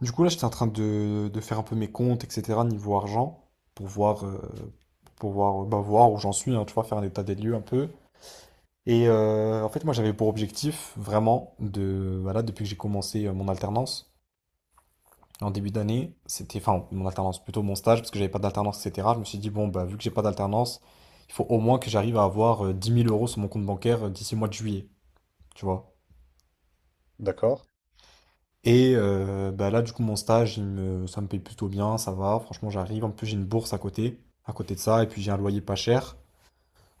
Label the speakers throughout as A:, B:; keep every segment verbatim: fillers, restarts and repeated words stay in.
A: Du coup, là, j'étais en train de, de faire un peu mes comptes, et cetera, niveau argent, pour voir, euh, pour voir, euh, bah, voir où j'en suis, hein, tu vois, faire un état des lieux un peu. Et euh, en fait, moi, j'avais pour objectif, vraiment, de, voilà, depuis que j'ai commencé euh, mon alternance, en début d'année, c'était, enfin, mon alternance, plutôt mon stage, parce que j'avais pas d'alternance, et cetera, je me suis dit, bon, bah, vu que j'ai pas d'alternance, il faut au moins que j'arrive à avoir euh, dix mille euros sur mon compte bancaire euh, d'ici le mois de juillet, tu vois.
B: D'accord.
A: Et euh, bah là, du coup, mon stage, il me, ça me paye plutôt bien, ça va. Franchement, j'arrive. En plus, j'ai une bourse à côté, à côté de ça, et puis j'ai un loyer pas cher.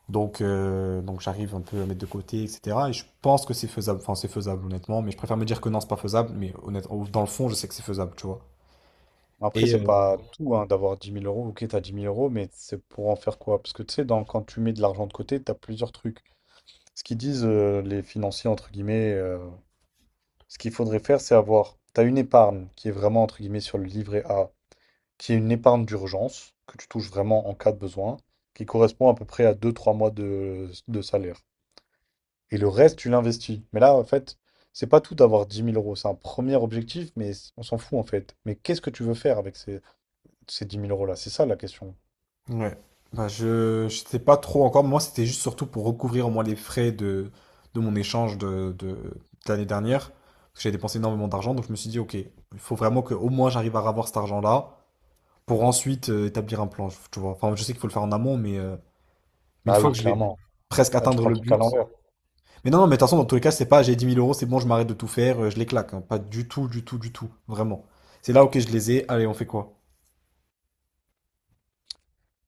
A: Donc, euh, donc j'arrive un peu à mettre de côté, et cetera. Et je pense que c'est faisable. Enfin, c'est faisable, honnêtement. Mais je préfère me dire que non, c'est pas faisable. Mais honnêtement, dans le fond, je sais que c'est faisable, tu vois.
B: Après,
A: Et
B: c'est
A: euh,
B: pas tout hein, d'avoir dix mille euros. Ok, t'as dix mille euros, mais c'est pour en faire quoi? Parce que tu sais, dans- quand tu mets de l'argent de côté, t'as plusieurs trucs. Ce qu'ils disent euh, les financiers, entre guillemets, euh, ce qu'il faudrait faire, c'est avoir. T'as une épargne qui est vraiment, entre guillemets, sur le livret A, qui est une épargne d'urgence, que tu touches vraiment en cas de besoin, qui correspond à peu près à deux trois mois de, de salaire. Et le reste, tu l'investis. Mais là, en fait, c'est pas tout d'avoir dix mille euros. C'est un premier objectif, mais on s'en fout, en fait. Mais qu'est-ce que tu veux faire avec ces. Ces dix mille euros là, c'est ça la question.
A: ouais. Bah, je, je sais pas trop encore. Moi, c'était juste surtout pour recouvrir au moins les frais de, de mon échange de, de, de l'année dernière. Parce que j'ai dépensé énormément d'argent, donc je me suis dit, ok, il faut vraiment que au moins j'arrive à avoir cet argent-là pour ensuite euh, établir un plan, tu vois. Enfin, je sais qu'il faut le faire en amont, mais euh, une
B: Bah
A: fois que
B: oui,
A: je vais
B: clairement.
A: presque
B: Là, tu
A: atteindre
B: prends le
A: le
B: truc à
A: but.
B: l'envers.
A: Mais non, non, mais de toute façon, dans tous les cas, c'est pas j'ai dix mille euros, c'est bon, je m'arrête de tout faire, euh, je les claque, hein. Pas du tout, du tout, du tout. Vraiment. C'est là, ok, je les ai, allez, on fait quoi?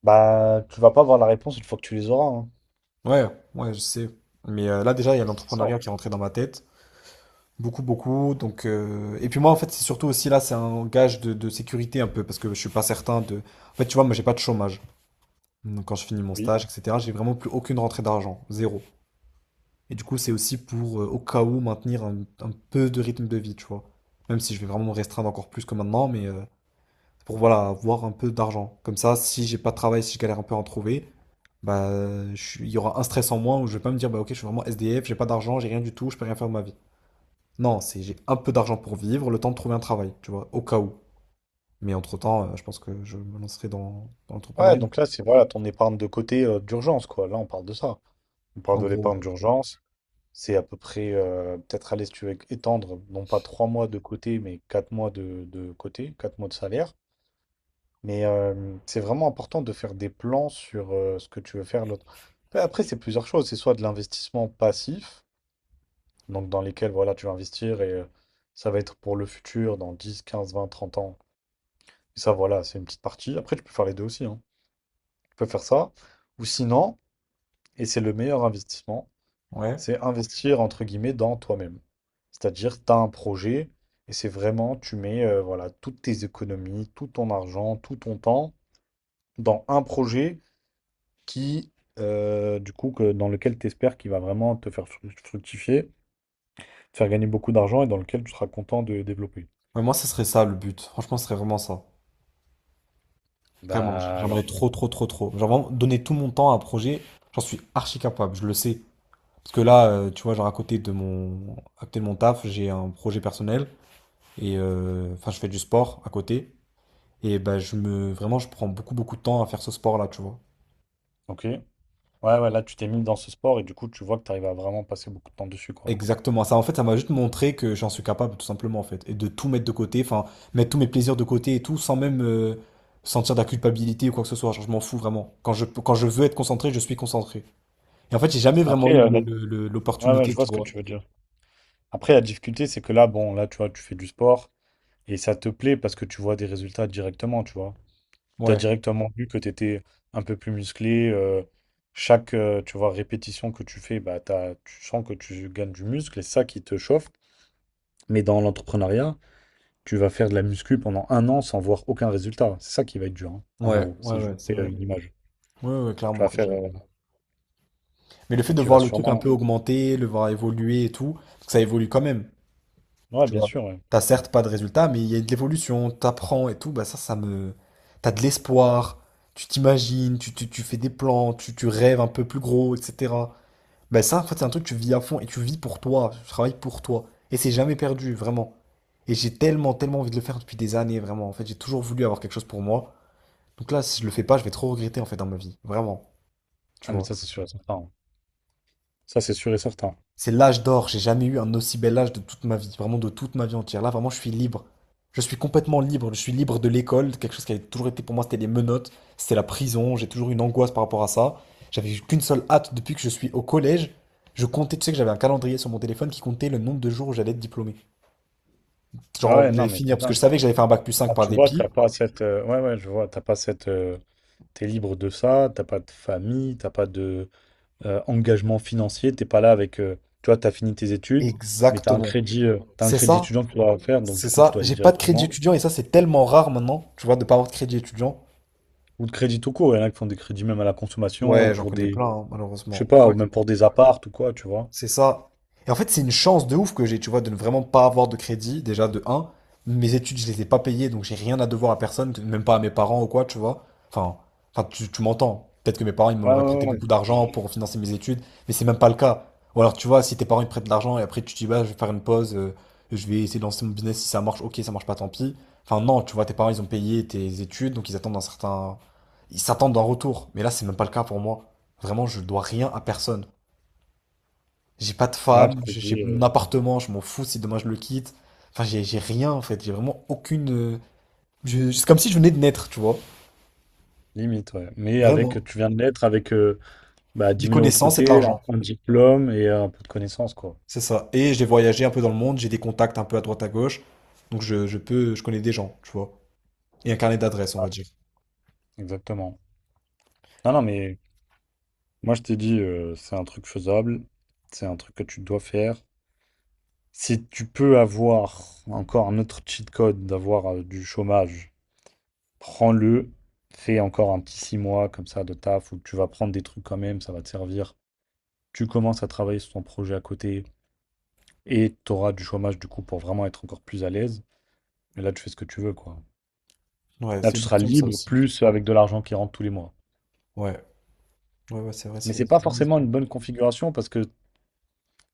B: Bah, tu vas pas avoir la réponse une fois que tu les auras, hein.
A: Ouais, ouais, je sais. Mais euh, là, déjà, il y a
B: C'est ça.
A: l'entrepreneuriat qui est rentré dans ma tête. Beaucoup, beaucoup. Donc, euh, Et puis moi, en fait, c'est surtout aussi là, c'est un gage de, de sécurité un peu, parce que je suis pas certain de. En fait, tu vois, moi, j'ai pas de chômage. Donc, quand je finis mon
B: Oui.
A: stage, et cetera, j'ai vraiment plus aucune rentrée d'argent. Zéro. Et du coup, c'est aussi pour, euh, au cas où, maintenir un, un peu de rythme de vie, tu vois. Même si je vais vraiment me restreindre encore plus que maintenant, mais euh, pour, voilà, avoir un peu d'argent. Comme ça, si j'ai pas de travail, si je galère un peu à en trouver, bah, je suis- il y aura un stress en moins où je vais pas me dire, bah, ok, je suis vraiment S D F, j'ai pas d'argent, j'ai rien du tout, je peux rien faire de ma vie. Non, c'est j'ai un peu d'argent pour vivre, le temps de trouver un travail, tu vois, au cas où. Mais entre-temps, euh, je pense que je me lancerai dans, dans
B: Ouais,
A: l'entrepreneuriat.
B: donc là, c'est voilà ton épargne de côté euh, d'urgence, quoi. Là, on parle de ça. On parle
A: En
B: de
A: gros,
B: l'épargne
A: ouais.
B: d'urgence. C'est à peu près, euh, peut-être, aller, si tu veux étendre, non pas trois mois de côté, mais quatre mois de, de côté, quatre mois de salaire. Mais euh, c'est vraiment important de faire des plans sur euh, ce que tu veux faire l'autre. Après, après, c'est plusieurs choses. C'est soit de l'investissement passif, donc dans lesquels voilà, tu vas investir et euh, ça va être pour le futur, dans dix quinze vingt trente ans. Et ça, voilà, c'est une petite partie. Après, tu peux faire les deux aussi, hein. Tu peux faire ça. Ou sinon, et c'est le meilleur investissement,
A: Ouais.
B: c'est investir entre guillemets dans toi-même. C'est-à-dire, tu as un projet et c'est vraiment, tu mets euh, voilà, toutes tes économies, tout ton argent, tout ton temps dans un projet qui, euh, du coup, que, dans lequel tu espères qu'il va vraiment te faire fru- fructifier, te faire gagner beaucoup d'argent et dans lequel tu seras content de développer.
A: Ouais, moi, ce serait ça le but. Franchement, ce serait vraiment ça. Vraiment, j-
B: Bah alors,
A: j'aimerais trop, trop, trop, trop. Genre vraiment donner tout mon temps à un projet, j'en suis archi capable, je le sais. Parce que là, euh, tu vois, genre à côté de mon, à côté de mon taf, j'ai un projet personnel et euh, enfin, je fais du sport à côté. Et ben, je me, vraiment, je prends beaucoup, beaucoup de temps à faire ce sport-là, tu vois.
B: ok. Ouais, ouais, là, tu t'es mis dans ce sport et du coup, tu vois que tu arrives à vraiment passer beaucoup de temps dessus, quoi.
A: Exactement. Ça, en fait, ça m'a juste montré que j'en suis capable, tout simplement, en fait, et de tout mettre de côté, enfin, mettre tous mes plaisirs de côté et tout, sans même euh, sentir de la culpabilité ou quoi que ce soit. Genre, je m'en fous vraiment. Quand je, quand je veux être concentré, je suis concentré. Et en fait, j'ai jamais vraiment
B: Après,
A: eu
B: euh,
A: le-
B: la-
A: le- le-
B: ouais, ouais, je
A: l'opportunité,
B: vois
A: tu
B: ce que
A: vois.
B: tu veux dire. Après, la difficulté, c'est que là, bon, là, tu vois, tu fais du sport. Et ça te plaît parce que tu vois des résultats directement, tu vois. Tu as
A: Ouais,
B: directement vu que tu étais un peu plus musclé. euh, chaque, euh, tu vois, répétition que tu fais, bah, t'as- tu sens que tu gagnes du muscle et c'est ça qui te chauffe. Mais dans l'entrepreneuriat, tu vas faire de la muscu pendant un an sans voir aucun résultat. C'est ça qui va être dur, hein, en
A: ouais,
B: gros,
A: ouais,
B: si je
A: ouais, c'est
B: fais euh,
A: vrai.
B: une image.
A: Ouais, ouais,
B: Tu
A: clairement.
B: vas faire...
A: Je-
B: euh,
A: Mais le fait
B: et
A: de
B: tu vas
A: voir le truc un
B: sûrement...
A: peu augmenter, le voir évoluer et tout, parce que ça évolue quand même,
B: Ouais,
A: tu
B: bien
A: vois.
B: sûr, ouais.
A: T'as certes pas de résultat, mais il y a de l'évolution, t'apprends et tout, bah ça, ça me. T'as de l'espoir, tu t'imagines, tu, tu, tu fais des plans, tu, tu rêves un peu plus gros, et cetera. Bah ça, en fait, c'est un truc que tu vis à fond et tu vis pour toi, tu travailles pour toi. Et c'est jamais perdu, vraiment. Et j'ai tellement, tellement envie de le faire depuis des années, vraiment. En fait, j'ai toujours voulu avoir quelque chose pour moi. Donc là, si je le fais pas, je vais trop regretter en fait dans ma vie. Vraiment, tu
B: Ah, mais
A: vois.
B: ça, c'est sûr et certain, hein. Ça, c'est sûr et certain.
A: C'est l'âge d'or. J'ai jamais eu un aussi bel âge de toute ma vie. Vraiment de toute ma vie entière. Là, vraiment, je suis libre. Je suis complètement libre. Je suis libre de l'école. Quelque chose qui avait toujours été pour moi, c'était les menottes. C'était la prison. J'ai toujours eu une angoisse par rapport à ça. J'avais eu qu'une seule hâte depuis que je suis au collège. Je comptais, tu sais que j'avais un calendrier sur mon téléphone qui comptait le nombre de jours où j'allais être diplômé.
B: Ah
A: Genre,
B: ouais,
A: où
B: non,
A: j'allais
B: mais
A: finir. Parce que
B: putain.
A: je savais que j'allais faire un bac plus cinq
B: Ah,
A: par
B: tu vois,
A: dépit.
B: t'as pas cette. Euh, ouais, ouais, je vois, t'as pas cette. euh, t'es libre de ça, t'as pas de famille, t'as pas de euh, engagement financier, t'es pas là avec. euh, tu vois, t'as fini tes études, mais t'as un
A: Exactement.
B: crédit, euh, t'as un
A: C'est
B: crédit
A: ça.
B: étudiant que tu dois faire, donc
A: C'est
B: du coup, tu
A: ça,
B: dois aller
A: j'ai pas de crédit
B: directement.
A: étudiant et ça c'est tellement rare maintenant, tu vois, de pas avoir de crédit étudiant.
B: Ou de crédit tout court, il y en a qui font des crédits même à la consommation, ou
A: Ouais, j'en
B: pour
A: connais
B: des,
A: plein, hein,
B: je sais
A: malheureusement.
B: pas, ou
A: Ouais,
B: même pour des apparts ou quoi, tu vois.
A: c'est ça. Et en fait, c'est une chance de ouf que j'ai, tu vois, de ne vraiment pas avoir de crédit, déjà de un. Mes études, je les ai pas payées, donc j'ai rien à devoir à personne, même pas à mes parents ou quoi, tu vois. Enfin, enfin tu, tu m'entends. Peut-être que mes parents, ils
B: Ouais,
A: m'auraient prêté
B: ouais, ouais.
A: beaucoup d'argent
B: Je-
A: pour financer mes études, mais c'est même pas le cas. Ou alors, tu vois, si tes parents, ils te prêtent de l'argent et après, tu te dis, bah, je vais faire une pause, euh, je vais essayer de lancer mon business, si ça marche, ok, ça marche pas, tant pis. Enfin, non, tu vois, tes parents, ils ont payé tes études, donc ils attendent un certain. Ils s'attendent d'un retour. Mais là, c'est même pas le cas pour moi. Vraiment, je dois rien à personne. J'ai pas de
B: moi, je
A: femme,
B: te
A: j'ai j'ai
B: dis
A: mon
B: euh,
A: appartement, je m'en fous si demain je le quitte. Enfin, j'ai j'ai rien en fait, j'ai vraiment aucune. euh, je- C'est comme si je venais de naître, tu vois.
B: limite, ouais. Mais avec,
A: Vraiment.
B: tu viens de l'être avec euh, bah, dix
A: Des
B: mille euros de
A: connaissances et de
B: côté, un
A: l'argent,
B: un diplôme et un peu de connaissances, quoi.
A: c'est ça. Et j'ai voyagé un peu dans le monde, j'ai des contacts un peu à droite à gauche, donc je, je peux, je connais des gens, tu vois. Et un carnet d'adresses, on
B: Ah,
A: va dire.
B: exactement. Non, non, mais moi, je t'ai dit, euh, c'est un truc faisable, c'est un truc que tu dois faire. Si tu peux avoir encore un autre cheat code d'avoir euh, du chômage, prends-le, fais encore un petit six mois comme ça de taf où tu vas prendre des trucs quand même, ça va te servir. Tu commences à travailler sur ton projet à côté et tu auras du chômage du coup pour vraiment être encore plus à l'aise. Mais là, tu fais ce que tu veux, quoi.
A: Ouais,
B: Là,
A: c'est
B: tu
A: une
B: seras
A: option ça
B: libre,
A: aussi.
B: plus avec de l'argent qui rentre tous les mois.
A: Ouais, ouais, ouais, c'est vrai,
B: Mais
A: c'est
B: c'est
A: c'est
B: pas
A: vraiment une
B: forcément
A: option.
B: une bonne configuration parce que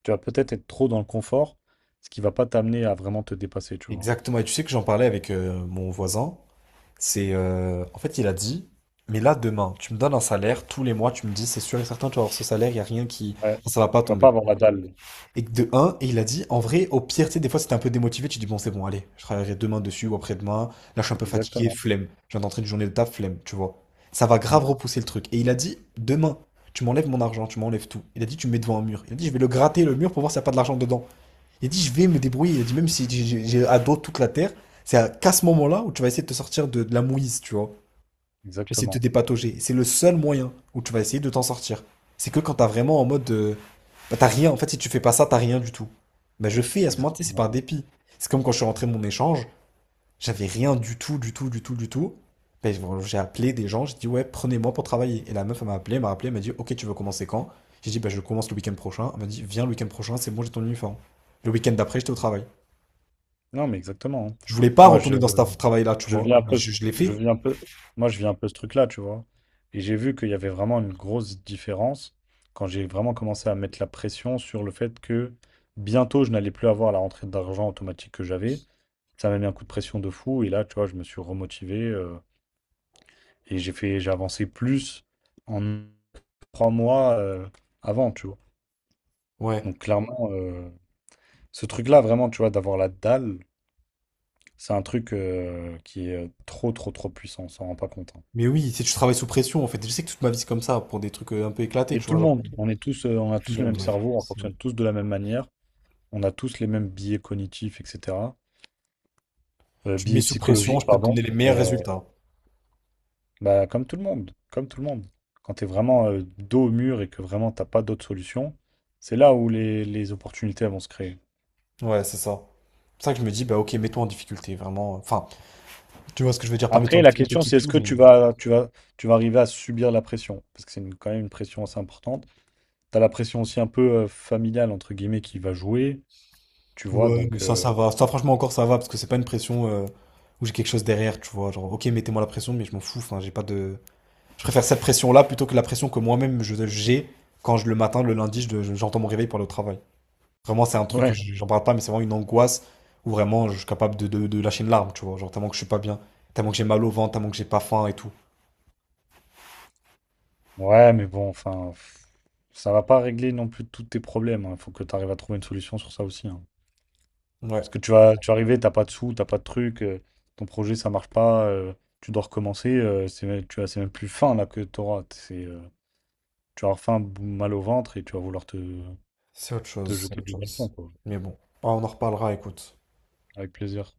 B: tu vas peut-être être trop dans le confort, ce qui va pas t'amener à vraiment te dépasser, tu vois.
A: Exactement. Et tu sais que j'en parlais avec euh, mon voisin. C'est euh, en fait, il a dit, mais là demain, tu me donnes un salaire tous les mois, tu me dis, c'est sûr et certain, tu vas avoir ce salaire, il y a rien qui,
B: Ouais.
A: enfin, ça va pas
B: Tu vas
A: tomber.
B: pas avoir la dalle.
A: Et que de un, et il a dit, en vrai, au pire, tu sais, des fois, c'était un peu démotivé, tu dis bon, c'est bon, allez, je travaillerai demain dessus ou après-demain. Là, je suis un peu fatigué,
B: Exactement.
A: flemme. Je viens d'entrer une journée de taf, flemme, tu vois. Ça va
B: Mm.
A: grave repousser le truc. Et il a dit, demain, tu m'enlèves mon argent, tu m'enlèves tout. Il a dit, tu me mets devant un mur. Il a dit, je vais le gratter le mur pour voir s'il n'y a pas de l'argent dedans. Il a dit, je vais me débrouiller. Il a dit, même si j'ai j'ai- j'ai à dos toute la terre, c'est à qu'à ce moment-là où tu vas essayer de te sortir de, de la mouise, tu vois. Tu vas essayer de te
B: Exactement.
A: dépatauger. C'est le seul moyen où tu vas essayer de t'en sortir. C'est que quand t'as vraiment en mode, euh, bah, t'as rien. En fait, si tu fais pas ça, t'as rien du tout. Bah, je fais à ce moment tu sais, c'est
B: Exactement.
A: par dépit. C'est comme quand je suis rentré de mon échange, j'avais rien du tout, du tout, du tout, du tout. Bah, j'ai appelé des gens, j'ai dit, ouais, prenez-moi pour travailler. Et la meuf, elle m'a appelé, elle m'a appelé, elle m'a dit, ok, tu veux commencer quand? J'ai dit, bah, je commence le week-end prochain. Elle m'a dit, viens le week-end prochain, c'est bon, j'ai ton uniforme. Le week-end d'après, j'étais au travail.
B: Non, mais exactement, hein.
A: Je voulais pas
B: Moi, je,
A: retourner dans ce taf- travail-là, tu
B: Je
A: vois.
B: viens un
A: Mais
B: peu, ce-
A: je, je l'ai
B: je
A: fait.
B: viens un peu, moi je viens un peu ce truc-là, tu vois. Et j'ai vu qu'il y avait vraiment une grosse différence quand j'ai vraiment commencé à mettre la pression sur le fait que bientôt je n'allais plus avoir la rentrée d'argent automatique que j'avais. Ça m'a mis un coup de pression de fou et là, tu vois, je me suis remotivé euh, et j'ai fait, j'ai avancé plus en trois mois euh, avant, tu vois.
A: Ouais.
B: Donc clairement, euh, ce truc-là, vraiment, tu vois, d'avoir la dalle, c'est un truc euh, qui est trop, trop, trop puissant, on s'en rend pas compte, hein.
A: Mais oui, si tu travailles sous pression, en fait, je sais que toute ma vie c'est comme ça, pour des trucs euh, un peu éclatés,
B: Et
A: tu
B: tout
A: vois,
B: le
A: genre pour
B: monde, on est tous, euh, on a
A: tout le
B: tous le
A: monde,
B: même
A: ouais.
B: cerveau, on
A: C'est vrai.
B: fonctionne tous de la même manière, on a tous les mêmes biais cognitifs, et cetera. Euh,
A: Tu me mets
B: biais
A: sous pression,
B: psychologiques,
A: je peux te
B: pardon,
A: donner les meilleurs
B: mais euh,
A: résultats.
B: bah, comme tout le monde, comme tout le monde. Quand tu es vraiment euh, dos au mur et que vraiment t'as pas d'autre solution, c'est là où les, les opportunités elles vont se créer.
A: Ouais, c'est ça. C'est pour ça que je me dis, bah ok, mets-toi en difficulté, vraiment. Enfin, tu vois ce que je veux dire, pas mets-toi
B: Après,
A: en
B: la
A: difficulté,
B: question,
A: quitte
B: c'est est-ce
A: tout,
B: que
A: mais.
B: tu vas, tu vas, tu vas arriver à subir la pression? Parce que c'est une- quand même une pression assez importante. Tu as la pression aussi un peu euh, familiale, entre guillemets, qui va jouer, tu vois,
A: Ouais, mais
B: donc...
A: ça,
B: euh,
A: ça va. Ça, franchement, encore, ça va, parce que c'est pas une pression euh, où j'ai quelque chose derrière, tu vois. Genre, ok, mettez-moi la pression, mais je m'en fous, enfin, j'ai pas de. Je préfère cette pression-là plutôt que la pression que moi-même je- j'ai quand je, le matin, le lundi, je- je- j'entends mon réveil pour le travail. Vraiment, c'est un truc que
B: ouais,
A: je- j'en parle pas, mais c'est vraiment une angoisse où vraiment je suis capable de, de- de lâcher une larme, tu vois. Genre tellement que je suis pas bien, tellement que j'ai mal au ventre, tellement que j'ai pas faim et tout.
B: ouais, mais bon, enfin, pff, ça va pas régler non plus tous tes problèmes. Il faut que tu arrives à trouver une solution sur ça aussi, hein. Parce que
A: Ouais,
B: tu vas, tu vas arriver, t'as pas de sous, t'as pas de truc, euh, ton projet ça marche pas, euh, tu dois recommencer. euh, c'est, même- tu as, c'est même plus faim là que t'auras. C'est, euh, tu vas avoir faim, bou- mal au ventre et tu vas vouloir te,
A: c'est autre
B: te
A: chose, c'est
B: jeter
A: autre
B: du
A: chose.
B: balcon, quoi.
A: Mais bon, ah, on en reparlera, écoute.
B: Avec plaisir.